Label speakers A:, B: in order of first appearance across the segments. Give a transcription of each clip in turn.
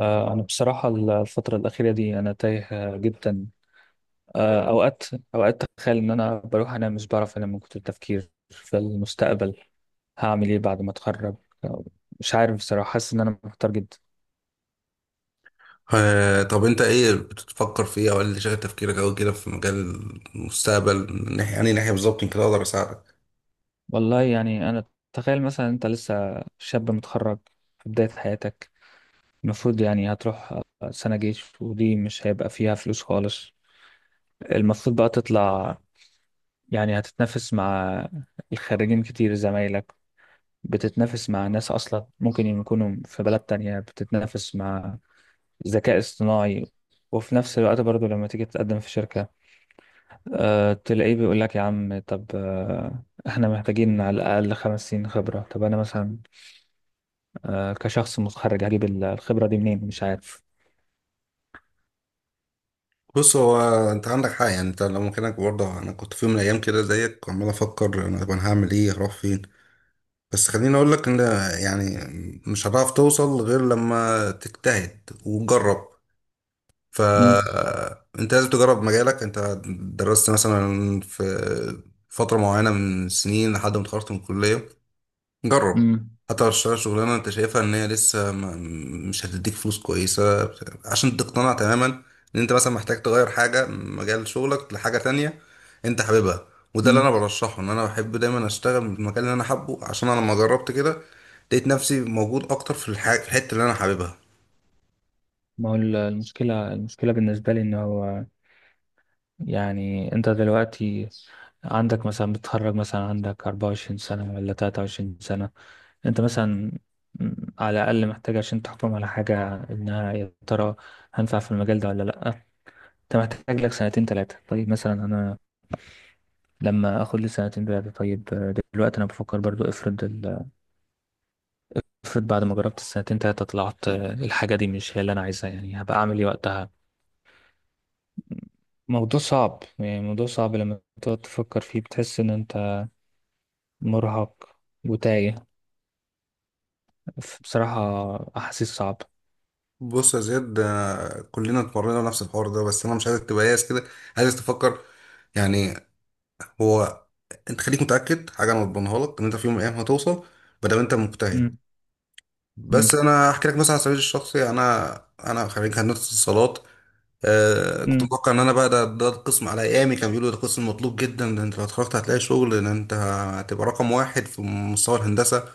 A: أنا بصراحة الفترة الأخيرة دي أنا تايه جدا. أوقات أوقات أتخيل إن أنا بروح أنام، مش بعرف أنام من كتر التفكير في المستقبل. هعمل إيه بعد ما أتخرج؟ آه، مش عارف بصراحة، حاسس إن أنا محتار جدا.
B: طب انت ايه بتفكر في ايه او ايه اللي شغل تفكيرك او كده في مجال المستقبل من ناحيه ناحيه بالظبط يمكن اقدر اساعدك.
A: والله يعني أنا، تخيل مثلا أنت لسه شاب متخرج في بداية حياتك. المفروض يعني هتروح سنة جيش، ودي مش هيبقى فيها فلوس خالص. المفروض بقى تطلع، يعني هتتنافس مع الخريجين كتير زمايلك، بتتنافس مع ناس أصلا ممكن يكونوا في بلد تانية، بتتنافس مع ذكاء اصطناعي. وفي نفس الوقت برضو لما تيجي تقدم في شركة تلاقيه بيقول لك يا عم، طب احنا محتاجين على الأقل 5 سنين خبرة. طب أنا مثلا كشخص متخرج هجيب الخبرة دي منين؟ مش عارف.
B: بص هو انت عندك حق، يعني انت لو مكانك برضه انا كنت في يوم من الايام كده زيك وعمال افكر انا طب انا هعمل ايه هروح فين. بس خليني اقول لك ان يعني مش هتعرف توصل غير لما تجتهد وتجرب،
A: مم.
B: فانت لازم تجرب مجالك. انت درست مثلا فتره معينه من سنين لحد ما اتخرجت من الكليه. جرب،
A: مم.
B: حتى لو تشتغل شغلانة انت شايفها ان هي لسه ما مش هتديك فلوس كويسة، عشان تقتنع تماما ان انت مثلا محتاج تغير حاجة من مجال شغلك لحاجة تانية انت حاببها. وده اللي
A: مم.
B: انا برشحه، ان انا بحب دايما اشتغل في المكان اللي انا حابه، عشان انا لما جربت كده لقيت نفسي موجود اكتر في الحتة اللي انا حاببها.
A: ما هو المشكلة بالنسبة لي إن هو، يعني انت دلوقتي عندك، مثلا بتتخرج مثلا عندك 24 سنة ولا 23 سنة. انت مثلا على الأقل محتاج عشان تحكم على حاجة انها يا ترى هنفع في المجال ده ولا لأ. انت محتاج لك سنتين تلاتة. طيب مثلا انا لما اخد لي سنتين تلاتة، طيب دلوقتي انا بفكر برضو، افرض بعد ما جربت السنتين تلاتة طلعت الحاجة دي مش هي اللي انا عايزها، يعني هبقى اعمل ايه وقتها؟ موضوع صعب، يعني موضوع صعب، لما تقعد تفكر فيه بتحس ان انت مرهق وتايه. بصراحة أحاسيس صعبة.
B: بص يا زياد، كلنا اتمرنا نفس الحوار ده، بس انا مش عايزك تبقى ياس كده، عايزك تفكر. يعني هو انت خليك متأكد حاجة انا بضمنها لك ان انت في يوم من الايام هتوصل بدل ما انت مجتهد.
A: مم.
B: بس
A: مم.
B: انا احكي لك مثلا على سبيل الشخصي، انا انا خريج هندسه اتصالات. آه، كنت
A: مم.
B: متوقع ان انا بقى ده القسم على ايامي، كان بيقولوا ده قسم مطلوب جدا، ده انت لو اتخرجت هتلاقي شغل، ده انت هتبقى رقم واحد في مستوى الهندسه.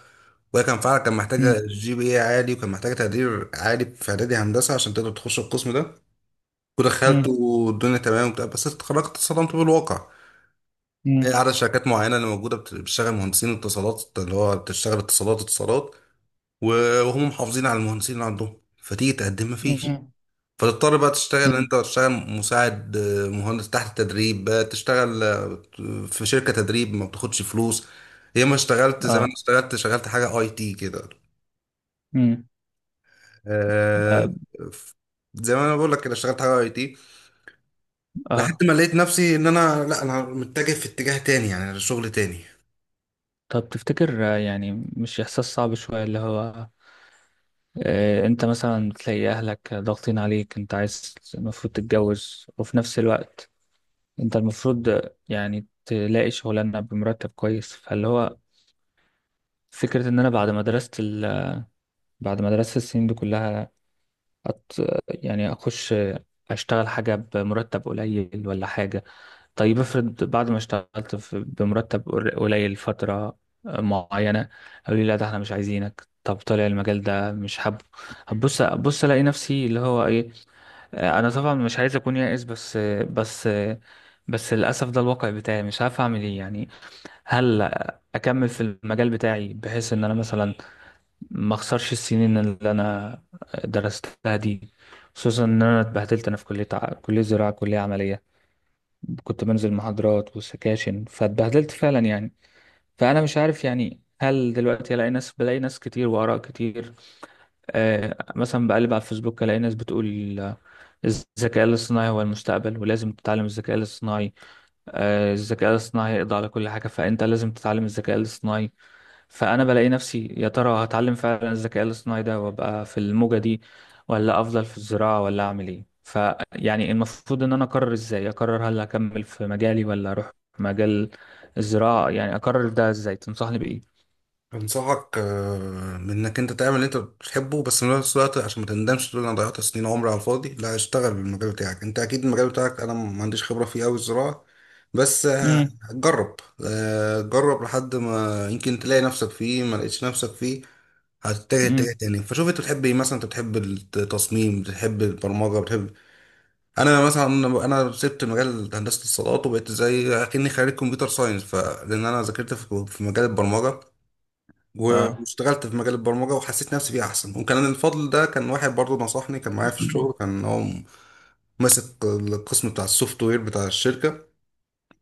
B: وهي كان فعلا كان
A: مم.
B: محتاجه جي بي اي عالي، وكان محتاجه تقدير عالي في اعدادي هندسه عشان تقدر تخش القسم ده. ودخلت
A: مم.
B: والدنيا تمام وبتاع، بس اتخرجت اتصدمت بالواقع. إيه،
A: مم.
B: عدد شركات معينه اللي موجوده بتشتغل مهندسين اتصالات، اللي هو بتشتغل اتصالات اتصالات، وهم محافظين على المهندسين اللي عندهم، فتيجي تقدم مفيش.
A: مم.
B: فتضطر بقى تشتغل،
A: مم.
B: انت تشتغل مساعد مهندس تحت تدريب، بقى تشتغل في شركة تدريب ما بتاخدش فلوس. يا ما اشتغلت زمان،
A: اه.
B: اشتغلت شغلت حاجة اي تي كده.
A: مم.
B: آه،
A: اه.
B: ف- زي ما انا بقول لك كده اشتغلت حاجة اي تي لحد
A: آه.
B: ما لقيت نفسي ان انا لا انا متجه في اتجاه تاني يعني شغل تاني.
A: طب تفتكر، يعني مش إحساس صعب شوية اللي هو أنت مثلا تلاقي أهلك ضاغطين عليك، أنت عايز المفروض تتجوز، وفي نفس الوقت أنت المفروض يعني تلاقي شغلانة بمرتب كويس، فاللي هو فكرة إن أنا بعد ما درست بعد ما درست السنين دي كلها، أت... يعني اخش اشتغل حاجه بمرتب قليل ولا حاجه. طيب افرض بعد ما اشتغلت في، بمرتب قليل فتره معينه، قالوا لي لا، ده احنا مش عايزينك، طب طالع المجال ده مش حابه. هبص، ابص الاقي نفسي اللي هو ايه. انا طبعا مش عايز اكون يائس، بس بس للاسف ده الواقع بتاعي، مش عارف اعمل ايه يعني. هل اكمل في المجال بتاعي بحيث ان انا مثلا ما اخسرش السنين اللي انا درستها دي، خصوصا ان انا اتبهدلت. انا في كليه كليه زراعه، كليه عمليه. كنت بنزل محاضرات وسكاشن، فاتبهدلت فعلا يعني. فانا مش عارف يعني، هل دلوقتي الاقي ناس، بلاقي ناس كتير واراء كتير. آه، مثلا بقلب على الفيسبوك الاقي ناس بتقول الذكاء الاصطناعي هو المستقبل، ولازم تتعلم الذكاء الاصطناعي. آه، الذكاء الاصطناعي هيقضي على كل حاجه، فانت لازم تتعلم الذكاء الاصطناعي. فانا بلاقي نفسي، يا ترى هتعلم فعلا الذكاء الاصطناعي ده وابقى في الموجة دي، ولا افضل في الزراعة، ولا اعمل ايه؟ فيعني المفروض ان انا اقرر، ازاي اقرر هل اكمل في مجالي ولا اروح مجال الزراعة؟ يعني اقرر ده ازاي؟ تنصحني بايه؟
B: انصحك بانك انت تعمل اللي انت بتحبه، بس في نفس الوقت عشان ما تندمش تقول انا ضيعت سنين عمري على الفاضي، لا اشتغل بالمجال بتاعك. انت اكيد المجال بتاعك انا ما عنديش خبرة فيه قوي، الزراعة، بس
A: امم.
B: جرب. جرب لحد ما يمكن تلاقي نفسك فيه، ما لقيتش نفسك فيه هتتجه اتجاه
A: امم.
B: تاني. فشوف انت بتحب ايه، مثلا انت بتحب التصميم، بتحب البرمجة، بتحب. انا مثلا انا سبت مجال هندسة الصالات وبقيت زي اكني خريج كمبيوتر ساينس فلان، انا ذاكرت في مجال البرمجة
A: اه.
B: واشتغلت في مجال البرمجة وحسيت نفسي فيه أحسن. وكان الفضل ده كان واحد برضه نصحني، كان معايا في الشغل، كان هو ماسك القسم بتاع السوفت وير بتاع الشركة.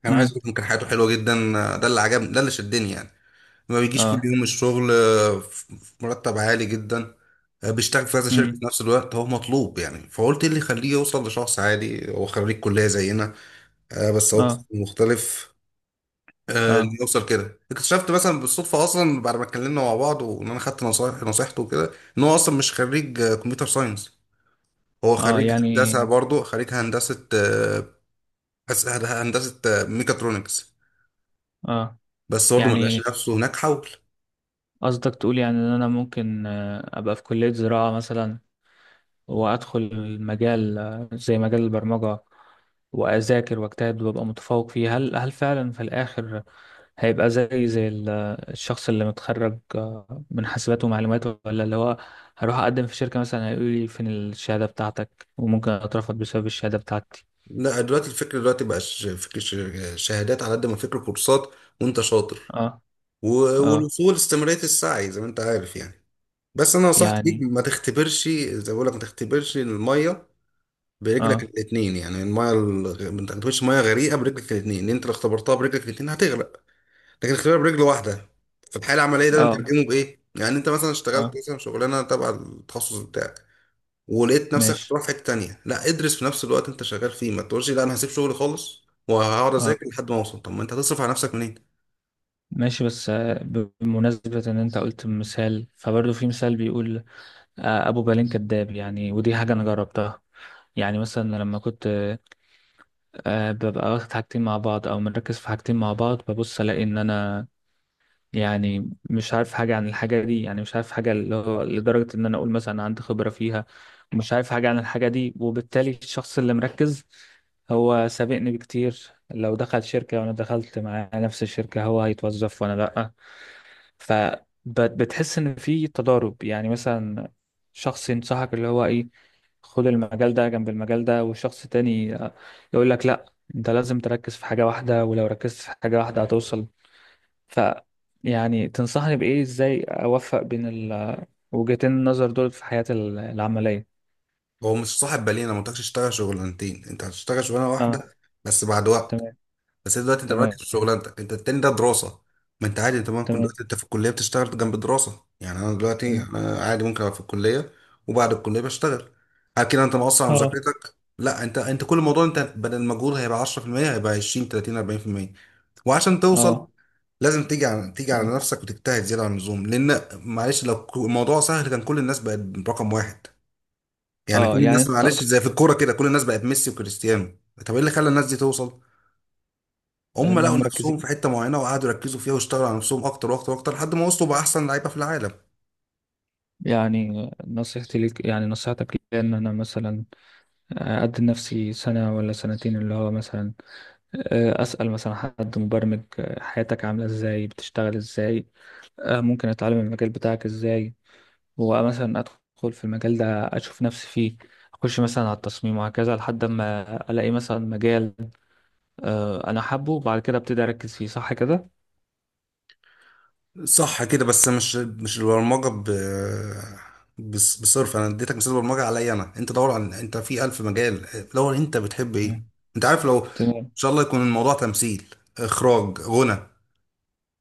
B: أنا عايز
A: امم.
B: أقول لك كان حياته حلوة جدا، ده اللي عجبني، ده اللي شدني يعني. ما بيجيش كل
A: اه.
B: يوم الشغل، في مرتب عالي جدا، بيشتغل في كذا شركة في
A: امم.
B: نفس الوقت، هو مطلوب يعني. فقلت إيه اللي يخليه يوصل لشخص عادي هو خريج كلية زينا؟ بس هو قسم
A: اه.
B: مختلف. اللي
A: اه.
B: يوصل كده اكتشفت مثلا بالصدفه اصلا بعد ما اتكلمنا مع بعض، وان انا خدت نصيحته وكده، ان هو اصلا مش خريج كمبيوتر ساينس، هو
A: اه.
B: خريج
A: يعني
B: هندسه برضه، خريج هندسه هندسه ميكاترونكس.
A: اه،
B: بس برضه ما لقاش
A: يعني
B: نفسه هناك، حول.
A: قصدك تقول يعني ان انا ممكن ابقى في كلية زراعة مثلا، وأدخل المجال زي مجال البرمجة، وأذاكر وأجتهد وأبقى متفوق فيه. هل فعلا في الآخر هيبقى زي الشخص اللي متخرج من حاسبات ومعلومات؟ ولا اللي هو هروح أقدم في شركة مثلا هيقول لي فين الشهادة بتاعتك، وممكن أترفض بسبب الشهادة بتاعتي؟
B: لا دلوقتي الفكر دلوقتي بقاش فكر شهادات، على قد ما فكر كورسات، وانت شاطر،
A: اه. اه
B: والوصول استمراريه السعي زي ما انت عارف يعني. بس انا نصيحتي ليك،
A: يعني.
B: ما تختبرش زي ما بقول لك، ما تختبرش الميه برجلك
A: اه.
B: الاثنين، يعني المايه الغ... ما تاخدش ميه غريقه برجلك الاثنين، اللي انت لو اختبرتها برجلك الاثنين هتغرق، لكن اختبار برجل واحده. في الحاله العمليه ده
A: اه.
B: بنترجمه بايه؟ يعني انت مثلا اشتغلت
A: اه.
B: مثلا شغلانه تبع التخصص بتاعك، ولقيت نفسك
A: ماشي.
B: هتروح في حته تانيه، لا ادرس في نفس الوقت انت شغال فيه. ما تقولش لا انا هسيب شغلي خالص وهقعد
A: اه
B: اذاكر لحد ما اوصل، طب ما انت هتصرف على نفسك منين؟
A: ماشي بس، بمناسبة إن أنت قلت مثال، فبرضه في مثال بيقول ابو بالين كداب، يعني ودي حاجه انا جربتها. يعني مثلا لما كنت ببقى واخد حاجتين مع بعض او مركز في حاجتين مع بعض، ببص الاقي ان انا يعني مش عارف حاجه عن الحاجه دي، يعني مش عارف حاجه، اللي هو لدرجه ان انا اقول مثلا عندي خبره فيها ومش عارف حاجه عن الحاجه دي. وبالتالي الشخص اللي مركز هو سابقني بكتير، لو دخل شركه وانا دخلت معاه نفس الشركه، هو هيتوظف وانا لا. فبتحس ان في تضارب، يعني مثلا شخص ينصحك اللي هو ايه، خد المجال ده جنب المجال ده، وشخص تاني يقول لك لا، انت لازم تركز في حاجة واحدة، ولو ركزت في حاجة واحدة هتوصل. ف يعني تنصحني بإيه؟ ازاي اوفق بين ال- وجهتين النظر دول في حياتي العملية؟
B: هو مش صاحب بالين، انا ما قلتلكش اشتغل شغلانتين، انت هتشتغل شغلانه
A: اه.
B: واحده بس بعد وقت.
A: تمام.
B: بس انت دلوقتي انت مركز
A: تمام.
B: في شغلانتك، انت التاني ده دراسه، ما انت عادي. انت ممكن
A: تمام.
B: دلوقتي انت في الكليه بتشتغل جنب الدراسه، يعني انا دلوقتي
A: تمام.
B: انا عادي ممكن ابقى في الكليه وبعد الكليه بشتغل. هل كده انت مقصر على
A: اه.
B: مذاكرتك؟ لا، انت كل موضوع انت بدل المجهود هيبقى 10%، هيبقى 20 30 40%. وعشان توصل
A: اه.
B: لازم تيجي
A: تمام.
B: على نفسك وتجتهد زياده عن اللزوم، لان معلش لو الموضوع سهل كان كل الناس بقت رقم واحد. يعني كل
A: اه، يعني
B: الناس،
A: انت
B: معلش، زي في الكوره كده كل الناس بقت ميسي وكريستيانو. طب ايه اللي خلى الناس دي توصل؟ هم لقوا
A: انهم
B: نفسهم
A: مركزين.
B: في حته معينه وقعدوا يركزوا فيها، واشتغلوا على نفسهم اكتر واكتر واكتر لحد ما وصلوا بقى احسن لعيبه في العالم.
A: يعني نصيحتي ليك، يعني نصيحتك ليا ان انا مثلا أدي لنفسي سنة ولا سنتين، اللي هو مثلا أسأل مثلا حد مبرمج حياتك عاملة إزاي، بتشتغل إزاي، ممكن أتعلم المجال بتاعك إزاي، ومثلا أدخل في المجال ده، أشوف نفسي فيه، أخش مثلا على التصميم، وهكذا لحد ما ألاقي مثلا مجال أنا حابه، وبعد كده أبتدي أركز فيه. صح كده؟
B: صح كده، بس مش البرمجه ب بصرف، انا اديتك مثال برمجه عليا انا، انت دور على، انت في الف مجال، دور انت بتحب ايه.
A: تمام.
B: انت عارف لو ان
A: تمام.
B: شاء الله يكون الموضوع تمثيل، اخراج، غنى،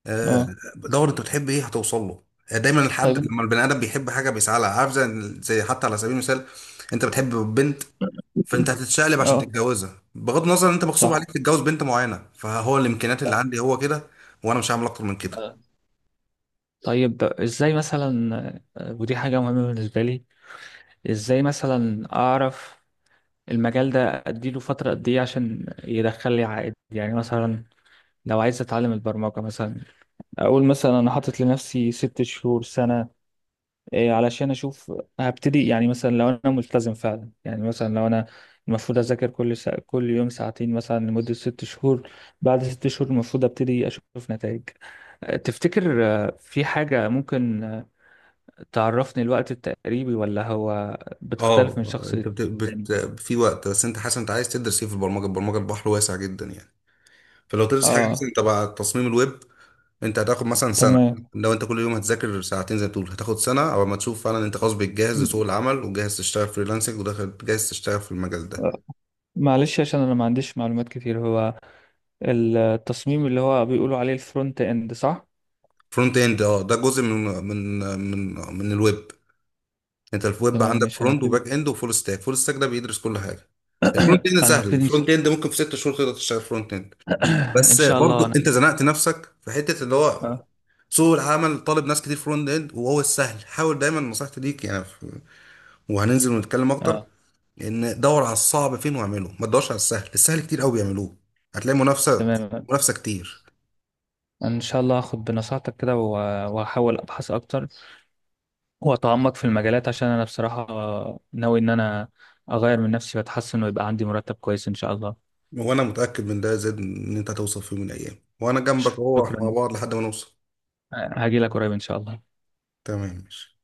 B: آه،
A: اه.
B: دور انت بتحب ايه هتوصل له. دايما
A: طيب
B: الحد لما البني ادم بيحب حاجه بيسعى لها، عارف، زي حتى على سبيل المثال انت بتحب بنت، فانت هتتشقلب عشان
A: اه.
B: تتجوزها، بغض النظر ان انت مغصوب
A: صح.
B: عليك تتجوز بنت معينه، فهو الامكانيات اللي
A: صح.
B: عندي هو كده، وانا مش هعمل اكتر من كده.
A: آه. طيب ازاي مثلا، ودي حاجة مهمة بالنسبة لي، ازاي مثلا اعرف المجال ده اديله فترة قد ايه عشان يدخل لي عائد؟ يعني مثلا لو عايز اتعلم البرمجة مثلا، اقول مثلا انا حاطط لنفسي 6 شهور سنة إيه علشان اشوف. هبتدي يعني مثلا لو انا ملتزم فعلا، يعني مثلا لو انا المفروض اذاكر كل كل يوم ساعتين مثلا لمدة 6 شهور. بعد 6 شهور المفروض ابتدي اشوف نتائج. أه، تفتكر في حاجة ممكن تعرفني الوقت التقريبي، ولا هو بتختلف
B: اه،
A: من شخص
B: انت بت...
A: للتاني؟
B: بت... في وقت، بس انت حاسس انت عايز تدرس ايه في البرمجه؟ البرمجه البحر واسع جدا يعني. فلو تدرس حاجه مثلا
A: اه.
B: تبع تصميم الويب، انت هتاخد مثلا سنه.
A: تمام.
B: لو انت كل يوم هتذاكر ساعتين زي ما بتقول، هتاخد سنه او ما تشوف فعلا انت خلاص بتجهز
A: م-
B: لسوق العمل وجاهز تشتغل فريلانسنج وداخل جاهز تشتغل في المجال ده.
A: آه، معلش عشان انا ما عنديش معلومات كتير، هو التصميم اللي هو بيقولوا عليه الفرونت اند، صح؟
B: فرونت اند، اه، ده جزء من الويب. انت في ويب
A: تمام
B: عندك
A: ماشي. انا
B: فرونت
A: هبتدي
B: وباك اند وفول ستاك، فول ستاك ده بيدرس كل حاجه. الفرونت اند
A: انا
B: سهل،
A: هبتدي
B: الفرونت اند ممكن في 6 شهور تقدر تشتغل فرونت اند.
A: ان
B: بس
A: شاء الله
B: برضو
A: انا.
B: انت زنقت نفسك في حته اللي هو
A: اه.
B: سوق العمل طالب ناس كتير فرونت اند، وهو السهل. حاول دايما نصيحتي ليك، وهننزل ونتكلم اكتر،
A: اه.
B: ان دور على الصعب فين واعمله، ما تدورش على السهل، السهل كتير قوي بيعملوه، هتلاقي منافسه،
A: تمام.
B: منافسه كتير.
A: ان شاء الله هاخد بنصيحتك كده، وهحاول ابحث اكتر واتعمق في المجالات، عشان انا بصراحة ناوي ان انا اغير من نفسي واتحسن، ويبقى عندي مرتب كويس ان شاء الله.
B: وانا متاكد من ده زاد ان انت هتوصل في يوم من الايام، وانا جنبك اهو، احنا مع
A: شكرا.
B: بعض لحد ما نوصل.
A: هاجي لك قريب ان شاء الله.
B: تمام ماشي.